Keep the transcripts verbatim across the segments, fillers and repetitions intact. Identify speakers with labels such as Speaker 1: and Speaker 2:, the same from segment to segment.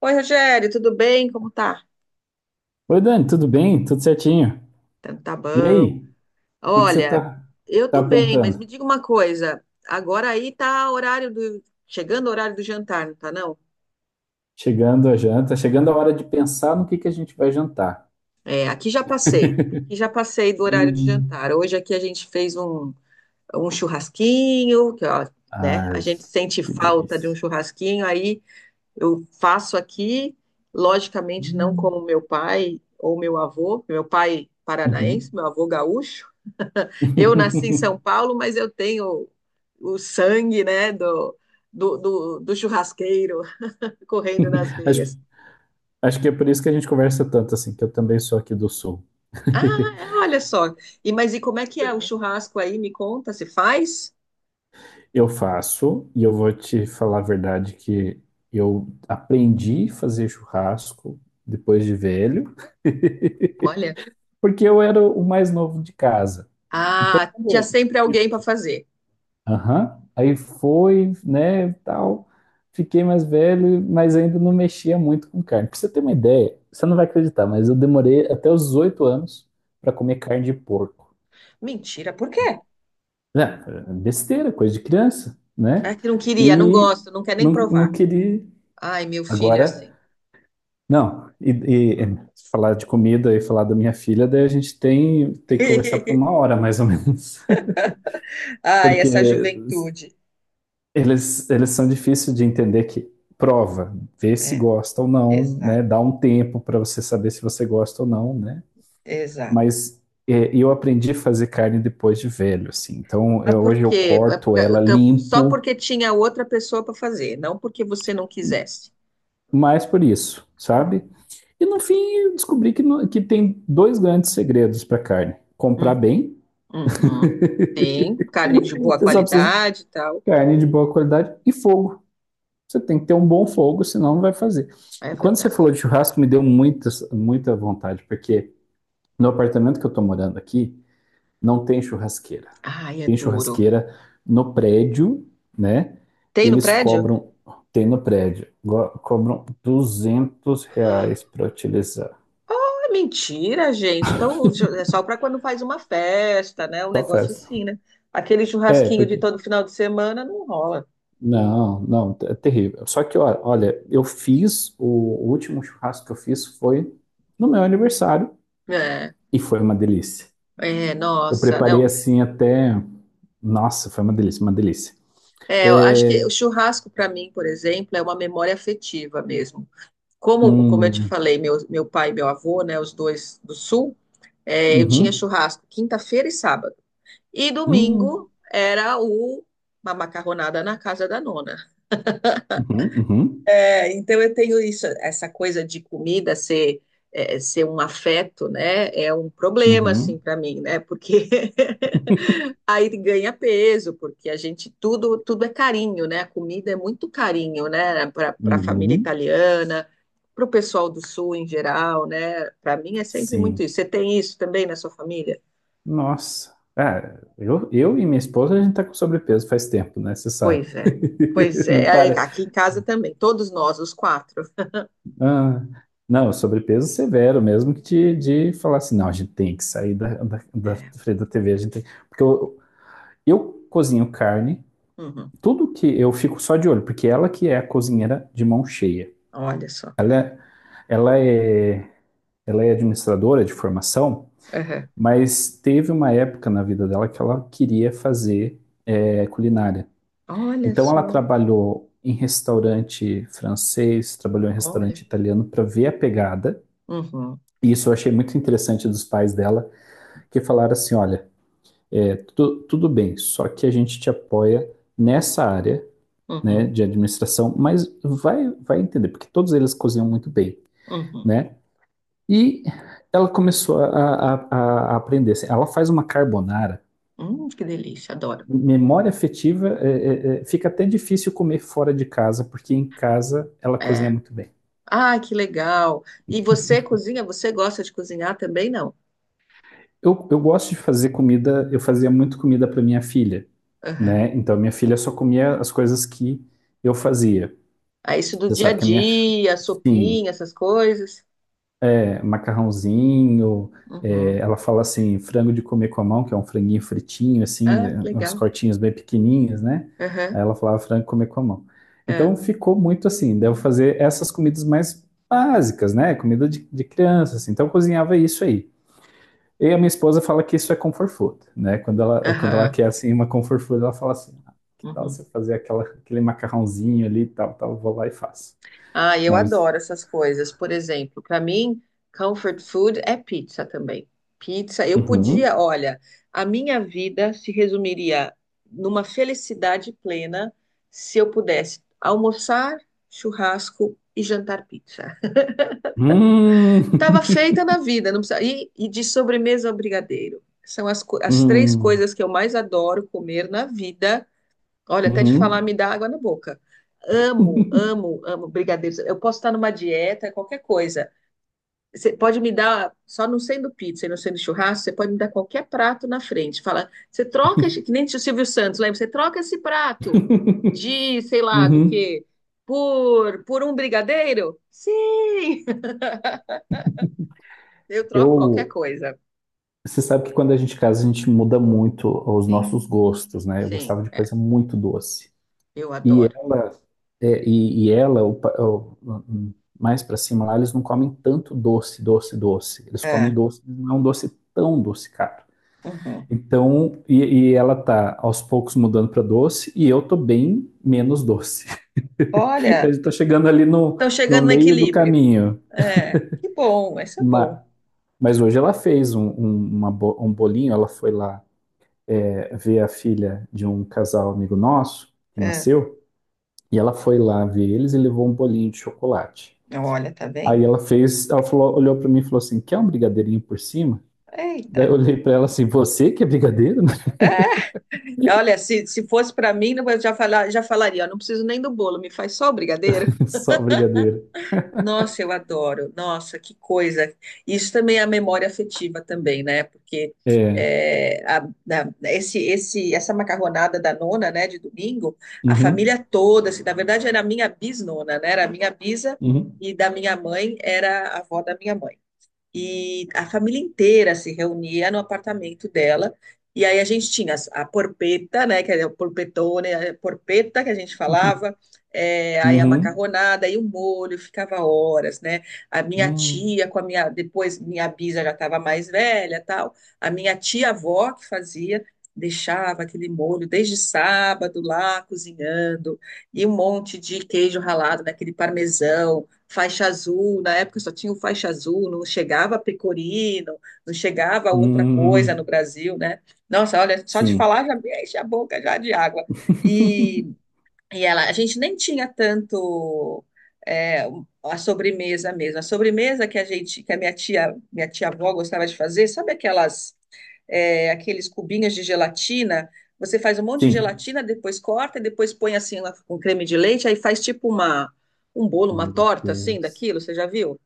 Speaker 1: Oi, Rogério, tudo bem? Como tá?
Speaker 2: Oi, Dani, tudo bem? Tudo certinho?
Speaker 1: Tá tá
Speaker 2: E
Speaker 1: bom.
Speaker 2: aí, o que que você
Speaker 1: Olha,
Speaker 2: tá,
Speaker 1: eu
Speaker 2: tá
Speaker 1: tô bem, mas me
Speaker 2: aprontando?
Speaker 1: diga uma coisa. Agora aí tá horário do... Chegando o horário do jantar, não tá não?
Speaker 2: Chegando a janta, chegando a hora de pensar no que que a gente vai jantar.
Speaker 1: É, aqui já passei. Aqui já passei do horário do
Speaker 2: Hum.
Speaker 1: jantar. Hoje aqui a gente fez um, um churrasquinho, que ó, né? A
Speaker 2: Ai,
Speaker 1: gente sente
Speaker 2: que
Speaker 1: falta de um
Speaker 2: delícia.
Speaker 1: churrasquinho, aí eu faço aqui, logicamente não
Speaker 2: Hum.
Speaker 1: como meu pai ou meu avô, meu pai paranaense,
Speaker 2: Uhum.
Speaker 1: meu avô gaúcho. Eu nasci em São Paulo, mas eu tenho o sangue, né, do, do, do, do churrasqueiro correndo nas
Speaker 2: Acho,
Speaker 1: veias.
Speaker 2: acho que é por isso que a gente conversa tanto assim, que eu também sou aqui do Sul.
Speaker 1: Ah, é, olha só. E mas e como é que é o churrasco aí? Me conta, se faz?
Speaker 2: Eu faço, e eu vou te falar a verdade que eu aprendi a fazer churrasco depois de velho.
Speaker 1: Olha.
Speaker 2: Porque eu era o mais novo de casa. Então,
Speaker 1: Ah, tinha
Speaker 2: quando
Speaker 1: sempre
Speaker 2: eu-
Speaker 1: alguém para fazer.
Speaker 2: Aham. Aí foi, né, tal. Fiquei mais velho, mas ainda não mexia muito com carne. Pra você ter uma ideia, você não vai acreditar, mas eu demorei até os oito anos para comer carne de porco.
Speaker 1: Mentira, por quê?
Speaker 2: É, é besteira, coisa de criança,
Speaker 1: É
Speaker 2: né?
Speaker 1: que não queria, não
Speaker 2: E
Speaker 1: gosto, não quer nem
Speaker 2: não, não
Speaker 1: provar.
Speaker 2: queria.
Speaker 1: Ai, meu filho,
Speaker 2: Agora,
Speaker 1: assim.
Speaker 2: não. E, e, e falar de comida e falar da minha filha, daí a gente tem, tem que conversar por uma hora, mais ou menos.
Speaker 1: Ai,
Speaker 2: Porque
Speaker 1: essa juventude.
Speaker 2: Eles, eles são difíceis de entender que prova, vê se
Speaker 1: É,
Speaker 2: gosta ou não,
Speaker 1: exato,
Speaker 2: né? Dá um tempo para você saber se você gosta ou não, né?
Speaker 1: exato.
Speaker 2: Mas é, eu aprendi a fazer carne depois de velho, assim. Então
Speaker 1: Mas
Speaker 2: eu-
Speaker 1: por
Speaker 2: hoje eu
Speaker 1: quê? É
Speaker 2: corto
Speaker 1: porque-
Speaker 2: ela
Speaker 1: então, só
Speaker 2: limpo,
Speaker 1: porque tinha outra pessoa para fazer, não porque você não quisesse.
Speaker 2: mais por isso,
Speaker 1: Hum,
Speaker 2: sabe? E no fim eu descobri que, no- que tem dois grandes segredos para carne: comprar
Speaker 1: hum,
Speaker 2: bem,
Speaker 1: uhum. Tem carne de boa
Speaker 2: você só precisa de
Speaker 1: qualidade e tal.
Speaker 2: carne de boa qualidade e fogo. Você tem que ter um bom fogo, senão não vai fazer.
Speaker 1: É
Speaker 2: E quando você
Speaker 1: verdade.
Speaker 2: falou de churrasco, me deu muitas, muita vontade, porque no apartamento que eu tô morando aqui, não tem churrasqueira.
Speaker 1: Ai, é
Speaker 2: Tem
Speaker 1: duro.
Speaker 2: churrasqueira no prédio, né?
Speaker 1: Tem no
Speaker 2: Eles
Speaker 1: prédio?
Speaker 2: cobram, tem no prédio, go- cobram duzentos reais
Speaker 1: Ah,
Speaker 2: para utilizar.
Speaker 1: é mentira, gente. Então é só para quando faz uma festa, né? Um
Speaker 2: Só
Speaker 1: negócio
Speaker 2: festa.
Speaker 1: assim, né? Aquele
Speaker 2: É,
Speaker 1: churrasquinho de
Speaker 2: porque.
Speaker 1: todo final de semana não rola.
Speaker 2: Não, não, é terrível. Só que, ó, olha, eu fiz, o último churrasco que eu fiz foi no meu aniversário
Speaker 1: É,
Speaker 2: e foi uma delícia.
Speaker 1: é,
Speaker 2: Eu
Speaker 1: nossa,
Speaker 2: preparei
Speaker 1: não.
Speaker 2: assim até. Nossa, foi uma delícia, uma delícia.
Speaker 1: É, eu acho que o
Speaker 2: É,
Speaker 1: churrasco para mim, por exemplo, é uma memória afetiva mesmo. Como, como eu te
Speaker 2: um,
Speaker 1: falei, meu, meu pai e meu avô, né, os dois do sul, é, eu tinha
Speaker 2: uhum.
Speaker 1: churrasco quinta-feira e sábado. E
Speaker 2: Hum,
Speaker 1: domingo era o, uma macarronada na casa da nona.
Speaker 2: uhum, uhum,
Speaker 1: É, então eu tenho isso, essa coisa de comida ser é, ser um afeto, né? É um problema assim
Speaker 2: uhum,
Speaker 1: para mim, né? Porque aí ganha peso, porque a gente tudo tudo é carinho, né? A comida é muito carinho, né? Para a família
Speaker 2: uhum.
Speaker 1: italiana, para o pessoal do sul em geral, né? Para mim é sempre muito
Speaker 2: Sim.
Speaker 1: isso. Você tem isso também na sua família?
Speaker 2: Nossa. Ah, eu, eu e minha esposa, a gente tá com sobrepeso faz tempo, né? Você sabe.
Speaker 1: Pois é, pois
Speaker 2: Não
Speaker 1: é.
Speaker 2: para.
Speaker 1: Aqui em casa também, todos nós, os quatro.
Speaker 2: Ah, não, sobrepeso severo mesmo que de, de falar assim, não, a gente tem que sair da, da, da
Speaker 1: É.
Speaker 2: frente da T V, a gente tem. Porque eu, eu cozinho carne,
Speaker 1: Uhum.
Speaker 2: tudo que eu fico só de olho, porque ela que é a cozinheira de mão cheia.
Speaker 1: Olha só.
Speaker 2: Ela é, ela é administradora de formação,
Speaker 1: Uhum.
Speaker 2: mas teve uma época na vida dela que ela queria fazer eh, culinária.
Speaker 1: Olha
Speaker 2: Então ela
Speaker 1: só.
Speaker 2: trabalhou em restaurante francês, trabalhou em restaurante
Speaker 1: Olha.
Speaker 2: italiano para ver a pegada.
Speaker 1: Uhum,
Speaker 2: E isso eu achei muito interessante dos pais dela, que falaram assim: olha, eh, tu- tudo bem, só que a gente te apoia nessa área, né,
Speaker 1: uhum,
Speaker 2: de administração, mas vai, vai entender, porque todos eles cozinham muito bem,
Speaker 1: uhum.
Speaker 2: né? E ela começou a, a- a- aprender, assim. Ela faz uma carbonara
Speaker 1: Hum, que delícia, adoro.
Speaker 2: memória afetiva, é, é, é, fica até difícil comer fora de casa, porque em casa ela cozinha
Speaker 1: É.
Speaker 2: muito bem.
Speaker 1: Ai, que legal. E você cozinha? Você gosta de cozinhar também, não?
Speaker 2: Eu, eu gosto de fazer comida, eu fazia muito comida para minha filha,
Speaker 1: Uhum.
Speaker 2: né? Então minha filha só comia as coisas que eu fazia.
Speaker 1: É isso do
Speaker 2: Você
Speaker 1: dia a
Speaker 2: sabe que a minha,
Speaker 1: dia,
Speaker 2: sim,
Speaker 1: sopinha, essas coisas?
Speaker 2: é, macarrãozinho. É,
Speaker 1: Uhum.
Speaker 2: ela fala assim, frango de comer com a mão, que é um franguinho fritinho, assim,
Speaker 1: Ah,
Speaker 2: né,
Speaker 1: que
Speaker 2: uns
Speaker 1: legal.
Speaker 2: cortinhos bem pequenininhos, né?
Speaker 1: Aham,
Speaker 2: Aí ela falava frango de comer com a mão.
Speaker 1: é.
Speaker 2: Então ficou muito assim, devo fazer essas comidas mais básicas, né? Comida de, de criança, assim. Então eu cozinhava isso aí. E a minha esposa fala que isso é comfort food, né? Quando ela, quando ela
Speaker 1: Aham,
Speaker 2: quer, assim, uma comfort food, ela fala assim, que tal
Speaker 1: uhum.
Speaker 2: você fazer aquela, aquele macarrãozinho ali e tal, tal, eu vou lá e faço.
Speaker 1: Ah, eu
Speaker 2: Mas.
Speaker 1: adoro essas coisas. Por exemplo, para mim, comfort food é pizza também. Pizza, eu podia,
Speaker 2: Uhum.
Speaker 1: olha, a minha vida se resumiria numa felicidade plena se eu pudesse almoçar, churrasco e jantar pizza.
Speaker 2: Hum.
Speaker 1: Tava feita na vida, não precisa. E, e de sobremesa ao brigadeiro. São as, co- as três
Speaker 2: Hum.
Speaker 1: coisas que eu mais adoro comer na vida. Olha, até de falar me
Speaker 2: Uhum.
Speaker 1: dá água na boca. Amo, amo, amo brigadeiros. Eu posso estar numa dieta, qualquer coisa. Você pode me dar, só não sendo pizza e não sendo churrasco, você pode me dar qualquer prato na frente. Fala, você troca, esse- que nem o Silvio Santos, lembra? Você troca esse prato de, sei lá, do
Speaker 2: Uhum.
Speaker 1: quê? Por, por um brigadeiro? Sim! Eu troco qualquer
Speaker 2: Eu,
Speaker 1: coisa.
Speaker 2: Você sabe que quando a gente casa, a gente muda muito os
Speaker 1: Sim,
Speaker 2: nossos gostos, né? Eu
Speaker 1: sim,
Speaker 2: gostava de
Speaker 1: é.
Speaker 2: coisa muito doce.
Speaker 1: Eu
Speaker 2: E
Speaker 1: adoro.
Speaker 2: ela, é, e, e ela, o pa- o- o- mais pra cima lá, eles não comem tanto doce, doce, doce. Eles comem
Speaker 1: É.
Speaker 2: doce, mas não é um doce tão docicado.
Speaker 1: Uhum.
Speaker 2: Então, e, e ela tá aos poucos mudando pra doce e eu tô bem menos doce. A
Speaker 1: Olha,
Speaker 2: gente tá chegando ali no,
Speaker 1: estão
Speaker 2: no
Speaker 1: chegando no
Speaker 2: meio do
Speaker 1: equilíbrio.
Speaker 2: caminho.
Speaker 1: É, que bom, isso é bom.
Speaker 2: Mas hoje ela fez um, um, uma um bolinho, ela foi lá é, ver a filha de um casal amigo nosso, que
Speaker 1: É,
Speaker 2: nasceu, e ela foi lá ver eles e levou um bolinho de chocolate.
Speaker 1: olha, tá vendo?
Speaker 2: Aí ela fez, ela falou- olhou pra mim e falou assim: quer um brigadeirinho por cima? Daí eu
Speaker 1: Eita.
Speaker 2: olhei pra ela assim: você que é brigadeiro?
Speaker 1: É, olha, se, se fosse para mim, eu já, falar, já falaria, ó, não preciso nem do bolo, me faz só o brigadeiro.
Speaker 2: Só brigadeiro.
Speaker 1: Nossa, eu adoro. Nossa, que coisa. Isso também é a memória afetiva também, né? Porque
Speaker 2: É.
Speaker 1: é, a- da- esse, esse, essa macarronada da nona, né, de domingo, a
Speaker 2: Uhum,
Speaker 1: família toda, assim, na verdade era a minha bisnona, né? Era a minha bisa
Speaker 2: uhum,
Speaker 1: e da minha mãe era a avó da minha mãe. E a família inteira se reunia no apartamento dela. E aí a gente tinha as- a porpeta, né, que é o porpetone, a porpeta que a gente
Speaker 2: uhum,
Speaker 1: falava, é, aí a
Speaker 2: uhum,
Speaker 1: macarronada e o molho, ficava horas, né? A minha
Speaker 2: uhum,
Speaker 1: tia com a minha, depois minha bisa já estava mais velha, tal. A minha tia-avó que fazia, deixava aquele molho desde sábado lá cozinhando, e um monte de queijo ralado, naquele parmesão, faixa azul, na época só tinha o faixa azul, não chegava pecorino, não chegava outra
Speaker 2: uhum,
Speaker 1: coisa no
Speaker 2: uhum.
Speaker 1: Brasil, né? Nossa, olha, só de
Speaker 2: Sim,
Speaker 1: falar já me enche a boca já de água. E, e ela, a gente nem tinha tanto é, a sobremesa mesmo. A sobremesa que a gente, que a minha tia, minha tia-avó gostava de fazer, sabe aquelas é, aqueles cubinhos de gelatina. Você faz um monte de
Speaker 2: sim.
Speaker 1: gelatina, depois corta, e depois põe assim lá com creme de leite, aí faz tipo uma, um bolo, uma
Speaker 2: Meu
Speaker 1: torta assim
Speaker 2: Deus.
Speaker 1: daquilo, você já viu?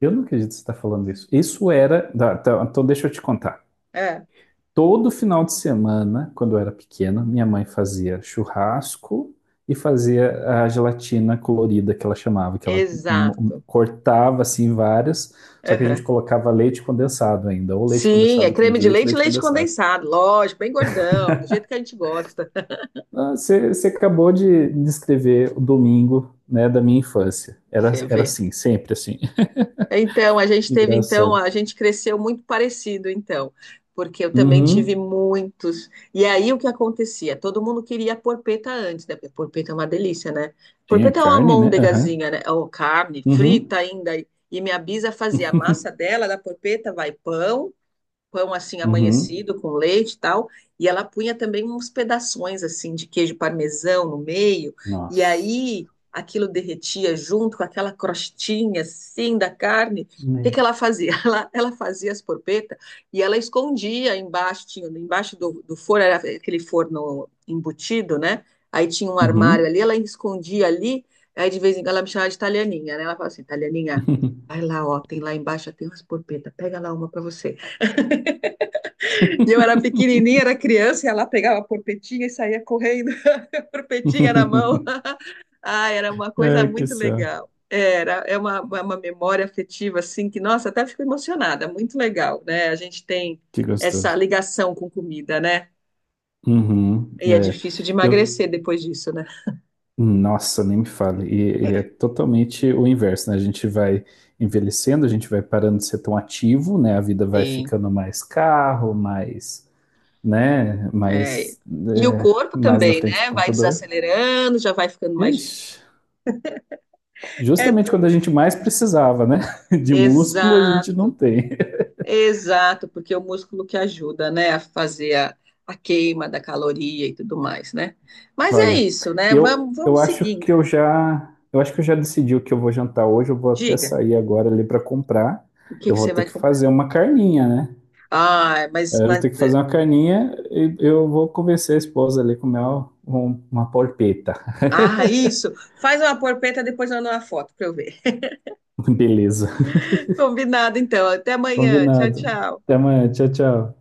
Speaker 2: Eu não acredito que você está falando isso. Isso era. Tá, tá. Então, deixa eu te contar.
Speaker 1: É,
Speaker 2: Todo final de semana, quando eu era pequeno, minha mãe fazia churrasco e fazia a gelatina colorida que ela chamava, que ela m-
Speaker 1: exato.
Speaker 2: cortava assim várias, só que a gente
Speaker 1: Aham.
Speaker 2: colocava leite condensado ainda, ou leite
Speaker 1: Sim, é
Speaker 2: condensado, creme
Speaker 1: creme
Speaker 2: de
Speaker 1: de
Speaker 2: leite,
Speaker 1: leite e
Speaker 2: leite
Speaker 1: leite
Speaker 2: condensado.
Speaker 1: condensado, lógico, bem gordão, do jeito que a gente gosta.
Speaker 2: Ah, Você você acabou de descrever o domingo, né, da minha infância. Era,
Speaker 1: Você
Speaker 2: era
Speaker 1: vê.
Speaker 2: assim, sempre assim.
Speaker 1: Então, a gente
Speaker 2: Que
Speaker 1: teve, então,
Speaker 2: engraçado.
Speaker 1: a gente cresceu muito parecido, então, porque eu também tive
Speaker 2: Uhum.
Speaker 1: muitos. E aí o que acontecia? Todo mundo queria porpeta antes, né? Porque porpeta é uma delícia, né?
Speaker 2: Tinha
Speaker 1: Porpeta é uma
Speaker 2: carne, né? Aham.
Speaker 1: almôndegazinha, né? Ou carne frita
Speaker 2: Uhum.
Speaker 1: ainda. E minha bisa fazia a massa
Speaker 2: Uhum.
Speaker 1: dela, da porpeta vai pão, pão assim
Speaker 2: Uhum.
Speaker 1: amanhecido com leite e tal, e ela punha também uns pedaços assim de queijo parmesão no meio, e
Speaker 2: Nossa.
Speaker 1: aí aquilo derretia junto com aquela crostinha assim da carne. O que
Speaker 2: Né?
Speaker 1: que ela fazia? Ela, ela fazia as porpetas e ela escondia embaixo, tinha embaixo do, do forno, era aquele forno embutido, né? Aí tinha um armário
Speaker 2: Uhum.
Speaker 1: ali, ela escondia ali, aí de vez em quando ela me chamava de italianinha, né? Ela falava assim, italianinha, vai lá, ó, tem lá embaixo, tem umas porpetas, pega lá uma para você. E eu era pequenininha, era criança, e ela pegava a porpetinha e saía correndo, a porpetinha na mão. Ah, era uma coisa
Speaker 2: É, que
Speaker 1: muito
Speaker 2: céu.
Speaker 1: legal. Era, é uma, uma uma memória afetiva, assim, que, nossa, até fico emocionada, muito legal, né? A gente tem
Speaker 2: Que
Speaker 1: essa
Speaker 2: gostoso.
Speaker 1: ligação com comida, né?
Speaker 2: Uhum.
Speaker 1: E é
Speaker 2: É,
Speaker 1: difícil de emagrecer
Speaker 2: eu,
Speaker 1: depois disso, né?
Speaker 2: nossa, nem me fale. E, e é totalmente o inverso, né? A gente vai envelhecendo, a gente vai parando de ser tão ativo, né? A vida vai
Speaker 1: Sim,
Speaker 2: ficando mais carro, mais, né?
Speaker 1: é.
Speaker 2: Mais,
Speaker 1: E o
Speaker 2: é,
Speaker 1: corpo
Speaker 2: mais na
Speaker 1: também,
Speaker 2: frente do
Speaker 1: né? Vai
Speaker 2: computador.
Speaker 1: desacelerando, já vai ficando mais difícil.
Speaker 2: Ixi.
Speaker 1: É
Speaker 2: Justamente quando a
Speaker 1: duro.
Speaker 2: gente mais precisava, né? De músculo a gente não
Speaker 1: Exato.
Speaker 2: tem.
Speaker 1: Exato, porque é o músculo que ajuda, né, a fazer a, a queima da caloria e tudo mais, né? Mas é
Speaker 2: Olha,
Speaker 1: isso, né?
Speaker 2: eu,
Speaker 1: Vamos,
Speaker 2: eu
Speaker 1: vamos
Speaker 2: acho
Speaker 1: seguindo.
Speaker 2: que eu já, eu acho que eu já decidi o que eu vou jantar hoje. Eu vou até
Speaker 1: Diga,
Speaker 2: sair agora ali para comprar.
Speaker 1: o que
Speaker 2: Eu
Speaker 1: que
Speaker 2: vou
Speaker 1: você
Speaker 2: ter
Speaker 1: vai
Speaker 2: que
Speaker 1: comprar?
Speaker 2: fazer uma carninha, né?
Speaker 1: Ah, mas,
Speaker 2: É, eu vou
Speaker 1: mas-
Speaker 2: ter que fazer uma carninha e eu vou convencer a esposa ali a comer uma, uma polpeta.
Speaker 1: ah, isso. Faz uma porpeta depois manda uma foto para eu ver.
Speaker 2: Beleza.
Speaker 1: Combinado, então. Até amanhã. Tchau,
Speaker 2: Combinado. Até
Speaker 1: tchau.
Speaker 2: amanhã. Tchau, tchau.